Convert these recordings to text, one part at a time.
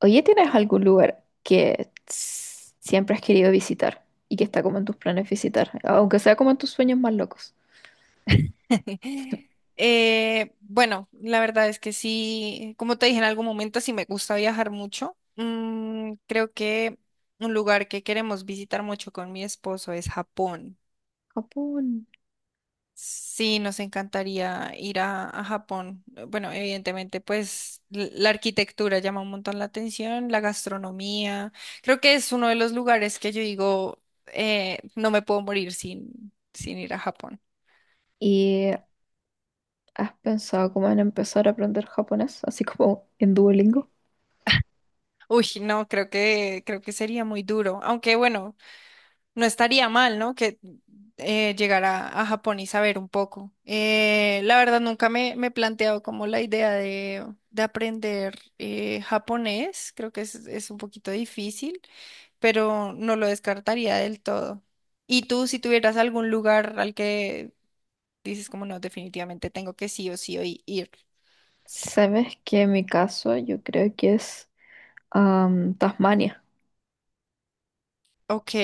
Oye, ¿tienes algún lugar que siempre has querido visitar y que está como en tus planes visitar, aunque sea como en tus sueños más locos? Bueno, la verdad es que sí, como te dije en algún momento, sí me gusta viajar mucho. Creo que un lugar que queremos visitar mucho con mi esposo es Japón. Japón. Sí, nos encantaría ir a Japón. Bueno, evidentemente, pues la arquitectura llama un montón la atención, la gastronomía. Creo que es uno de los lugares que yo digo, no me puedo morir sin ir a Japón. ¿Y has pensado como en empezar a aprender japonés, así como en Duolingo? Uy, no, creo que sería muy duro. Aunque bueno, no estaría mal, ¿no? Que llegar a Japón y saber un poco. La verdad, nunca me he planteado como la idea de aprender japonés. Creo que es un poquito difícil, pero no lo descartaría del todo. ¿Y tú, si tuvieras algún lugar al que dices como no, definitivamente tengo que sí o sí o ir? Sabes que en mi caso yo creo que es Tasmania. Ok,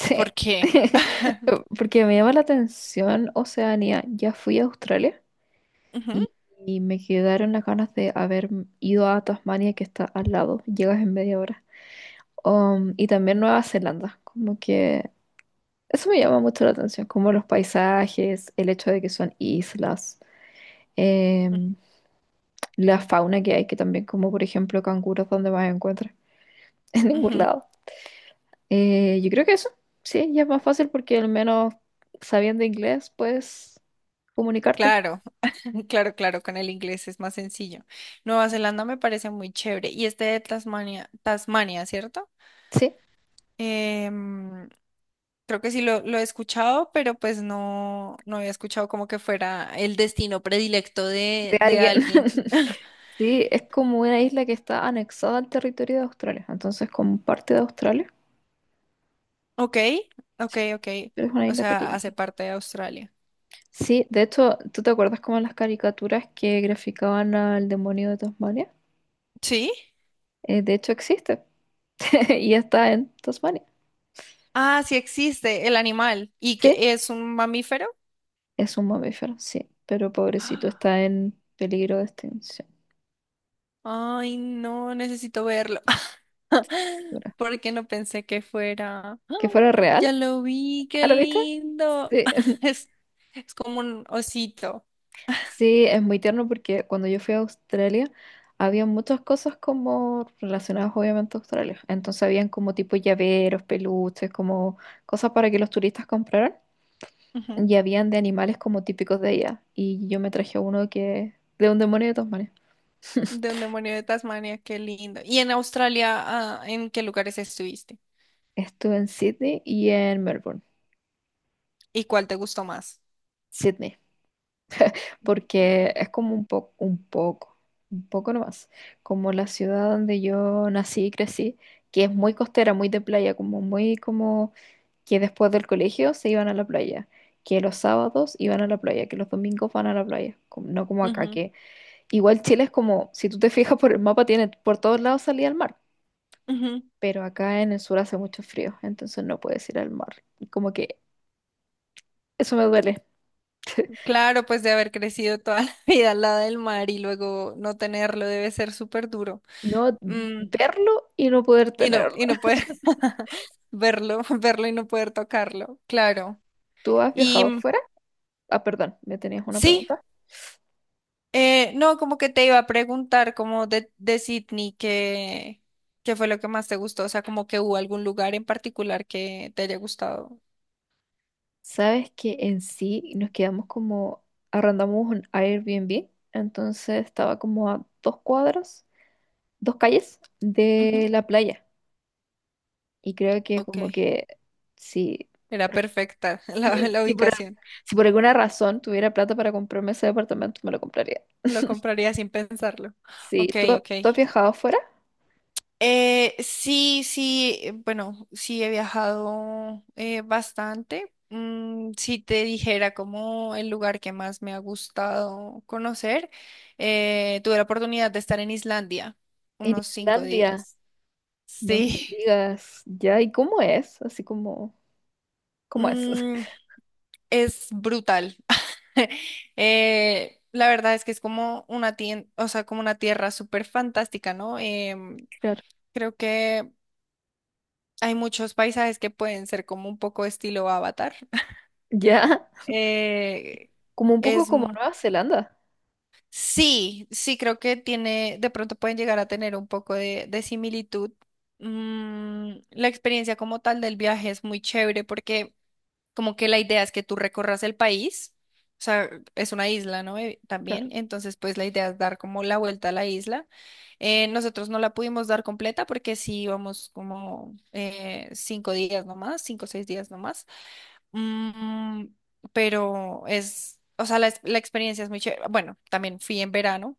¿o ¿por qué? Porque me llama la atención Oceanía. Ya fui a Australia Ujú, y, y me quedaron las ganas de haber ido a Tasmania que está al lado. Llegas en media hora. Y también Nueva Zelanda, como que eso me llama mucho la atención, como los paisajes, el hecho de que son islas, em, la fauna que hay, que también como por ejemplo canguros donde más encuentras, en ningún ujú. lado. Yo creo que eso, sí, ya es más fácil porque al menos sabiendo inglés puedes comunicarte. Claro. Claro, claro, con el inglés es más sencillo. Nueva Zelanda me parece muy chévere. Y este de Tasmania, Tasmania, ¿cierto? Sí, Em, creo que sí lo he escuchado, pero pues no, no había escuchado como que fuera el destino predilecto de de alguien. alguien. Sí, es como una isla que está anexada al territorio de Australia, entonces como parte de Australia. Ok, ok, Sí, ok. pero es una O isla sea, pequeña. hace parte de Australia. Sí, de hecho, ¿tú te acuerdas como las caricaturas que graficaban al demonio de Tasmania? ¿Sí? De hecho existe y está en Tasmania. Ah, sí existe el animal. ¿Y Sí, que es un mamífero? es un mamífero, sí, pero pobrecito está en peligro de extinción. Ay, no, necesito verlo. Dura. Porque no pensé que fuera. ¡Ah! ¿Que fuera real? Ya lo vi, qué ¿Ah, lo viste? lindo. Sí. Es, es como un osito. Sí, es muy tierno porque cuando yo fui a Australia había muchas cosas como relacionadas obviamente a Australia. Entonces habían como tipo llaveros, peluches, como cosas para que los turistas compraran. Ujú. Y habían de animales como típicos de ella. Y yo me traje uno que de un demonio de Tasmania. De un demonio de Tasmania, qué lindo. ¿Y en Australia, ah, en qué lugares estuviste? Estuve en Sydney y en Melbourne. ¿Y cuál te gustó más? Sydney, porque es como un poco, un poco, un poco nomás, como la ciudad donde yo nací y crecí, que es muy costera, muy de playa, como muy como que después del colegio se iban a la playa, que los sábados iban a la playa, que los domingos van a la playa, como- no como acá, Ujú, que igual Chile es como, si tú te fijas por el mapa, tiene por todos lados salida al mar. ujú. Pero acá en el sur hace mucho frío, entonces no puedes ir al mar. Y como que eso me duele, Claro, pues de haber crecido toda la vida al lado del mar y luego no tenerlo debe ser súper duro. no Mm, verlo y no poder tenerlo. y no poder verlo, verlo y no poder tocarlo, claro. ¿Tú has Y viajado mm, fuera? Ah, perdón, me tenías una sí, pregunta. No, como que te iba a preguntar como de Sydney que, qué fue lo que más te gustó, o sea, como que hubo algún lugar en particular que te haya gustado. ¿Sabes que en sí nos quedamos como, arrendamos un Airbnb? Entonces estaba como a 2 cuadras, dos calles de Ujú, la playa. Y creo que Ok, como que si, era perfecta la, si, la si por, al- ubicación, si por alguna razón tuviera plata para comprarme ese departamento, me lo compraría. lo compraría sin pensarlo. Sí, Ok, ¿tú, ok. tú has viajado afuera? Sí, sí, bueno, sí he viajado bastante. Mm, si te dijera como el lugar que más me ha gustado conocer, tuve la oportunidad de estar en Islandia En unos cinco Islandia, días. no me Sí, digas, ya, ¿y cómo es? Así como, ¿cómo es? Mm, es brutal. La verdad es que es como una o sea, como una tierra súper fantástica, ¿no? Em, Claro, creo que hay muchos paisajes que pueden ser como un poco estilo Avatar. ya, Eh, como un poco es, como m- Nueva Zelanda, sí, sí, creo que tiene, de pronto pueden llegar a tener un poco de similitud. Mm, la experiencia como tal del viaje es muy chévere porque como que la idea es que tú recorras el país, o sea, es una isla, ¿no? Claro. También, entonces pues la idea es dar como la vuelta a la isla. Nosotros no la pudimos dar completa porque sí íbamos como 5 días nomás, 5 o 6 días nomás. Mm, pero es, o sea, la experiencia es muy chévere. Bueno, también fui en verano,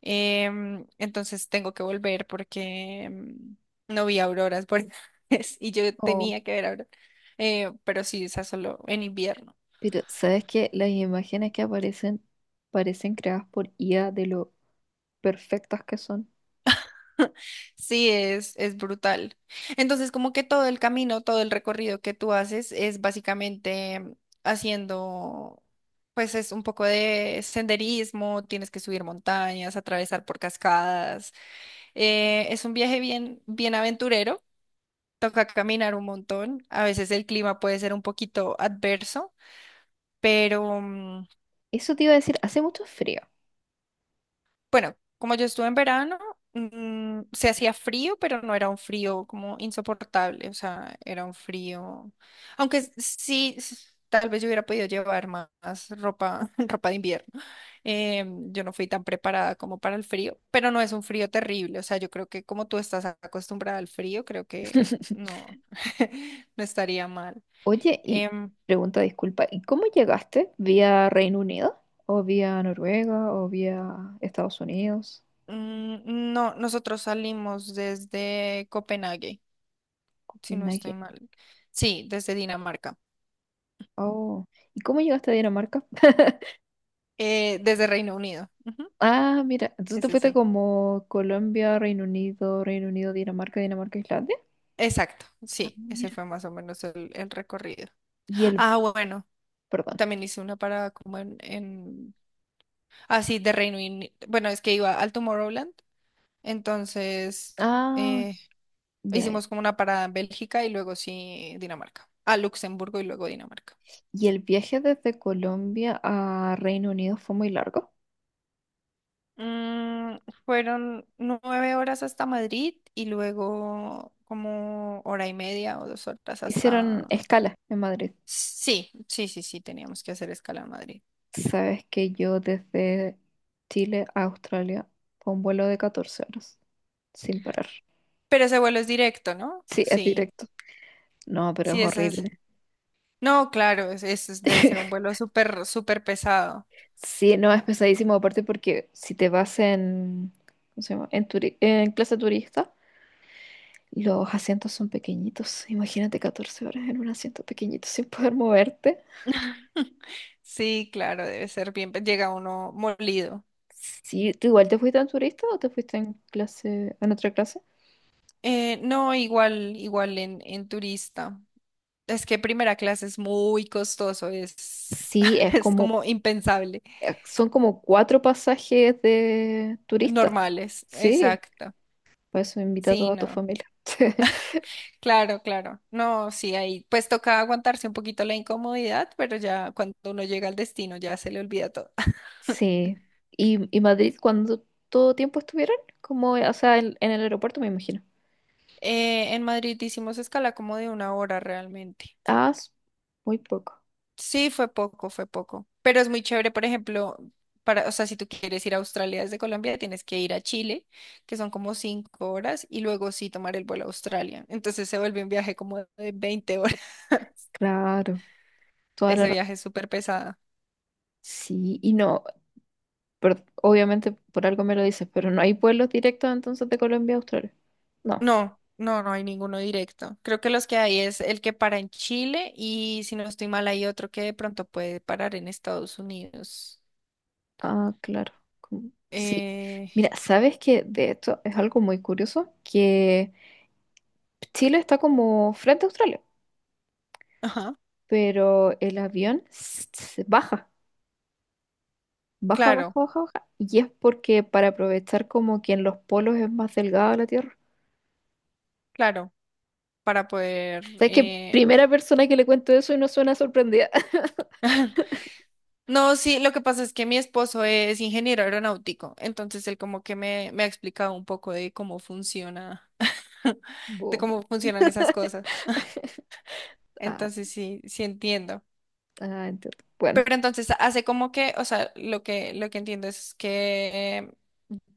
em, entonces tengo que volver porque no vi auroras por y yo Oh, tenía que ver auroras. Pero sí, esa solo en invierno. pero ¿sabes qué? Las imágenes que aparecen parecen creadas por IA de lo perfectas que son. Sí, es brutal. Entonces, como que todo el camino, todo el recorrido que tú haces es básicamente em, haciendo pues es un poco de senderismo, tienes que subir montañas, atravesar por cascadas. Es un viaje bien, bien aventurero, toca caminar un montón, a veces el clima puede ser un poquito adverso, pero, mm, Eso te iba a decir, hace mucho frío. bueno, como yo estuve en verano, mm, se hacía frío, pero no era un frío como insoportable, o sea, era un frío, aunque sí, tal vez yo hubiera podido llevar más ropa, ropa de invierno. Eh, yo no fui tan preparada como para el frío, pero no es un frío terrible, o sea, yo creo que como tú estás acostumbrada al frío, creo que no, no estaría mal. Oye, y Em, pregunta, disculpa, ¿y cómo llegaste? ¿Vía Reino Unido? ¿O vía Noruega? ¿O vía Estados Unidos? No, nosotros salimos desde Copenhague, si no estoy Copenhague. mal. Sí, desde Dinamarca. Oh, ¿y cómo llegaste a Dinamarca? Desde Reino Unido. Ujú, Ah, mira, entonces te ese fuiste sí. como Colombia, Reino Unido, Reino Unido, Dinamarca, Dinamarca, Islandia. Exacto, Ah, sí, ese mira. fue más o menos el recorrido. Y el, Ah, bueno, perdón. también hice una parada como Ah, sí, de Reino Unido. Bueno, es que iba al Tomorrowland, entonces Ah, eh, ya, ya. hicimos como una parada en Bélgica y luego sí Dinamarca. A Luxemburgo y luego Dinamarca. ¿Y el viaje desde Colombia a Reino Unido fue muy largo? Mm, fueron 9 horas hasta Madrid y luego como hora y media o 2 horas Hicieron hasta... escala en Madrid. Sí, sí, sí, sí, teníamos que hacer escala en Madrid. Sabes que yo desde Chile a Australia fue un vuelo de 14 horas, sin parar. Pero ese vuelo es directo, ¿no? Sí, es Sí, directo. No, pero es sí, ese es... horrible. No, claro, debe ser un vuelo súper, súper pesado. Sí, no, es pesadísimo, aparte porque si te vas en, ¿cómo se llama? En clase turista, los asientos son pequeñitos. Imagínate 14 horas en un asiento pequeñito sin poder moverte. Sí, claro, debe ser bien, llega uno molido. Sí, ¿tú igual te fuiste en turista o te fuiste en clase, en otra clase? No, igual, igual en turista. Es que primera clase es muy costoso, es, Sí, es es como, como impensable. Son como cuatro pasajes de turista. Normales, Sí, exacto. por eso invita a Sí, toda tu no. familia. Claro, claro. No, sí, ahí pues toca aguantarse un poquito la incomodidad, pero ya cuando uno llega al destino ya se le olvida todo. Sí. ¿Y Madrid cuando todo tiempo estuvieron? Como, o sea, en el aeropuerto me imagino. En Madrid hicimos escala como de 1 hora realmente. Ah, muy poco. Sí, fue poco, fue poco. Pero es muy chévere, por ejemplo, para, o sea, si tú quieres ir a Australia desde Colombia, tienes que ir a Chile, que son como 5 horas, y luego sí tomar el vuelo a Australia. Entonces se vuelve un viaje como de 20 horas. Claro, toda la Ese razón. viaje es súper pesado. Sí, y no, pero obviamente por algo me lo dices, pero no hay vuelos directos entonces de Colombia a Australia. No. No, no, no hay ninguno directo. Creo que los que hay es el que para en Chile y si no estoy mal hay otro que de pronto puede parar en Estados Unidos. Ah, claro. Sí. Eh, Mira, ¿sabes que de hecho, es algo muy curioso que Chile está como frente a Australia, ajá, pero el avión se baja, baja, baja, claro, baja, baja. Y es porque para aprovechar como que en los polos es más delgada la Tierra. claro, para poder ¿Sabes que primera persona que le cuento eso y no suena sorprendida. no, sí, lo que pasa es que mi esposo es ingeniero aeronáutico, entonces él como que me ha explicado un poco de cómo funciona, de Bo. cómo funcionan esas cosas. Ah, Entonces sí, sí entiendo. ah, entiendo. Bueno, Pero entonces hace como que, o sea, lo que entiendo es que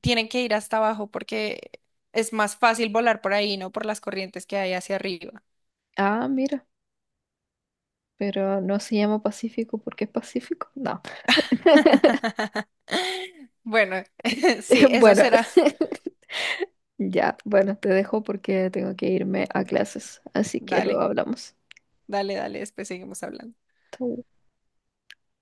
tienen que ir hasta abajo porque es más fácil volar por ahí, no por las corrientes que hay hacia arriba. ah, mira, pero no se llama Pacífico porque es Pacífico. No. Bueno, sí, eso Bueno, será. ya, bueno, te dejo porque tengo que irme a clases, así que luego Dale, hablamos. dale, dale, después seguimos hablando. Chau.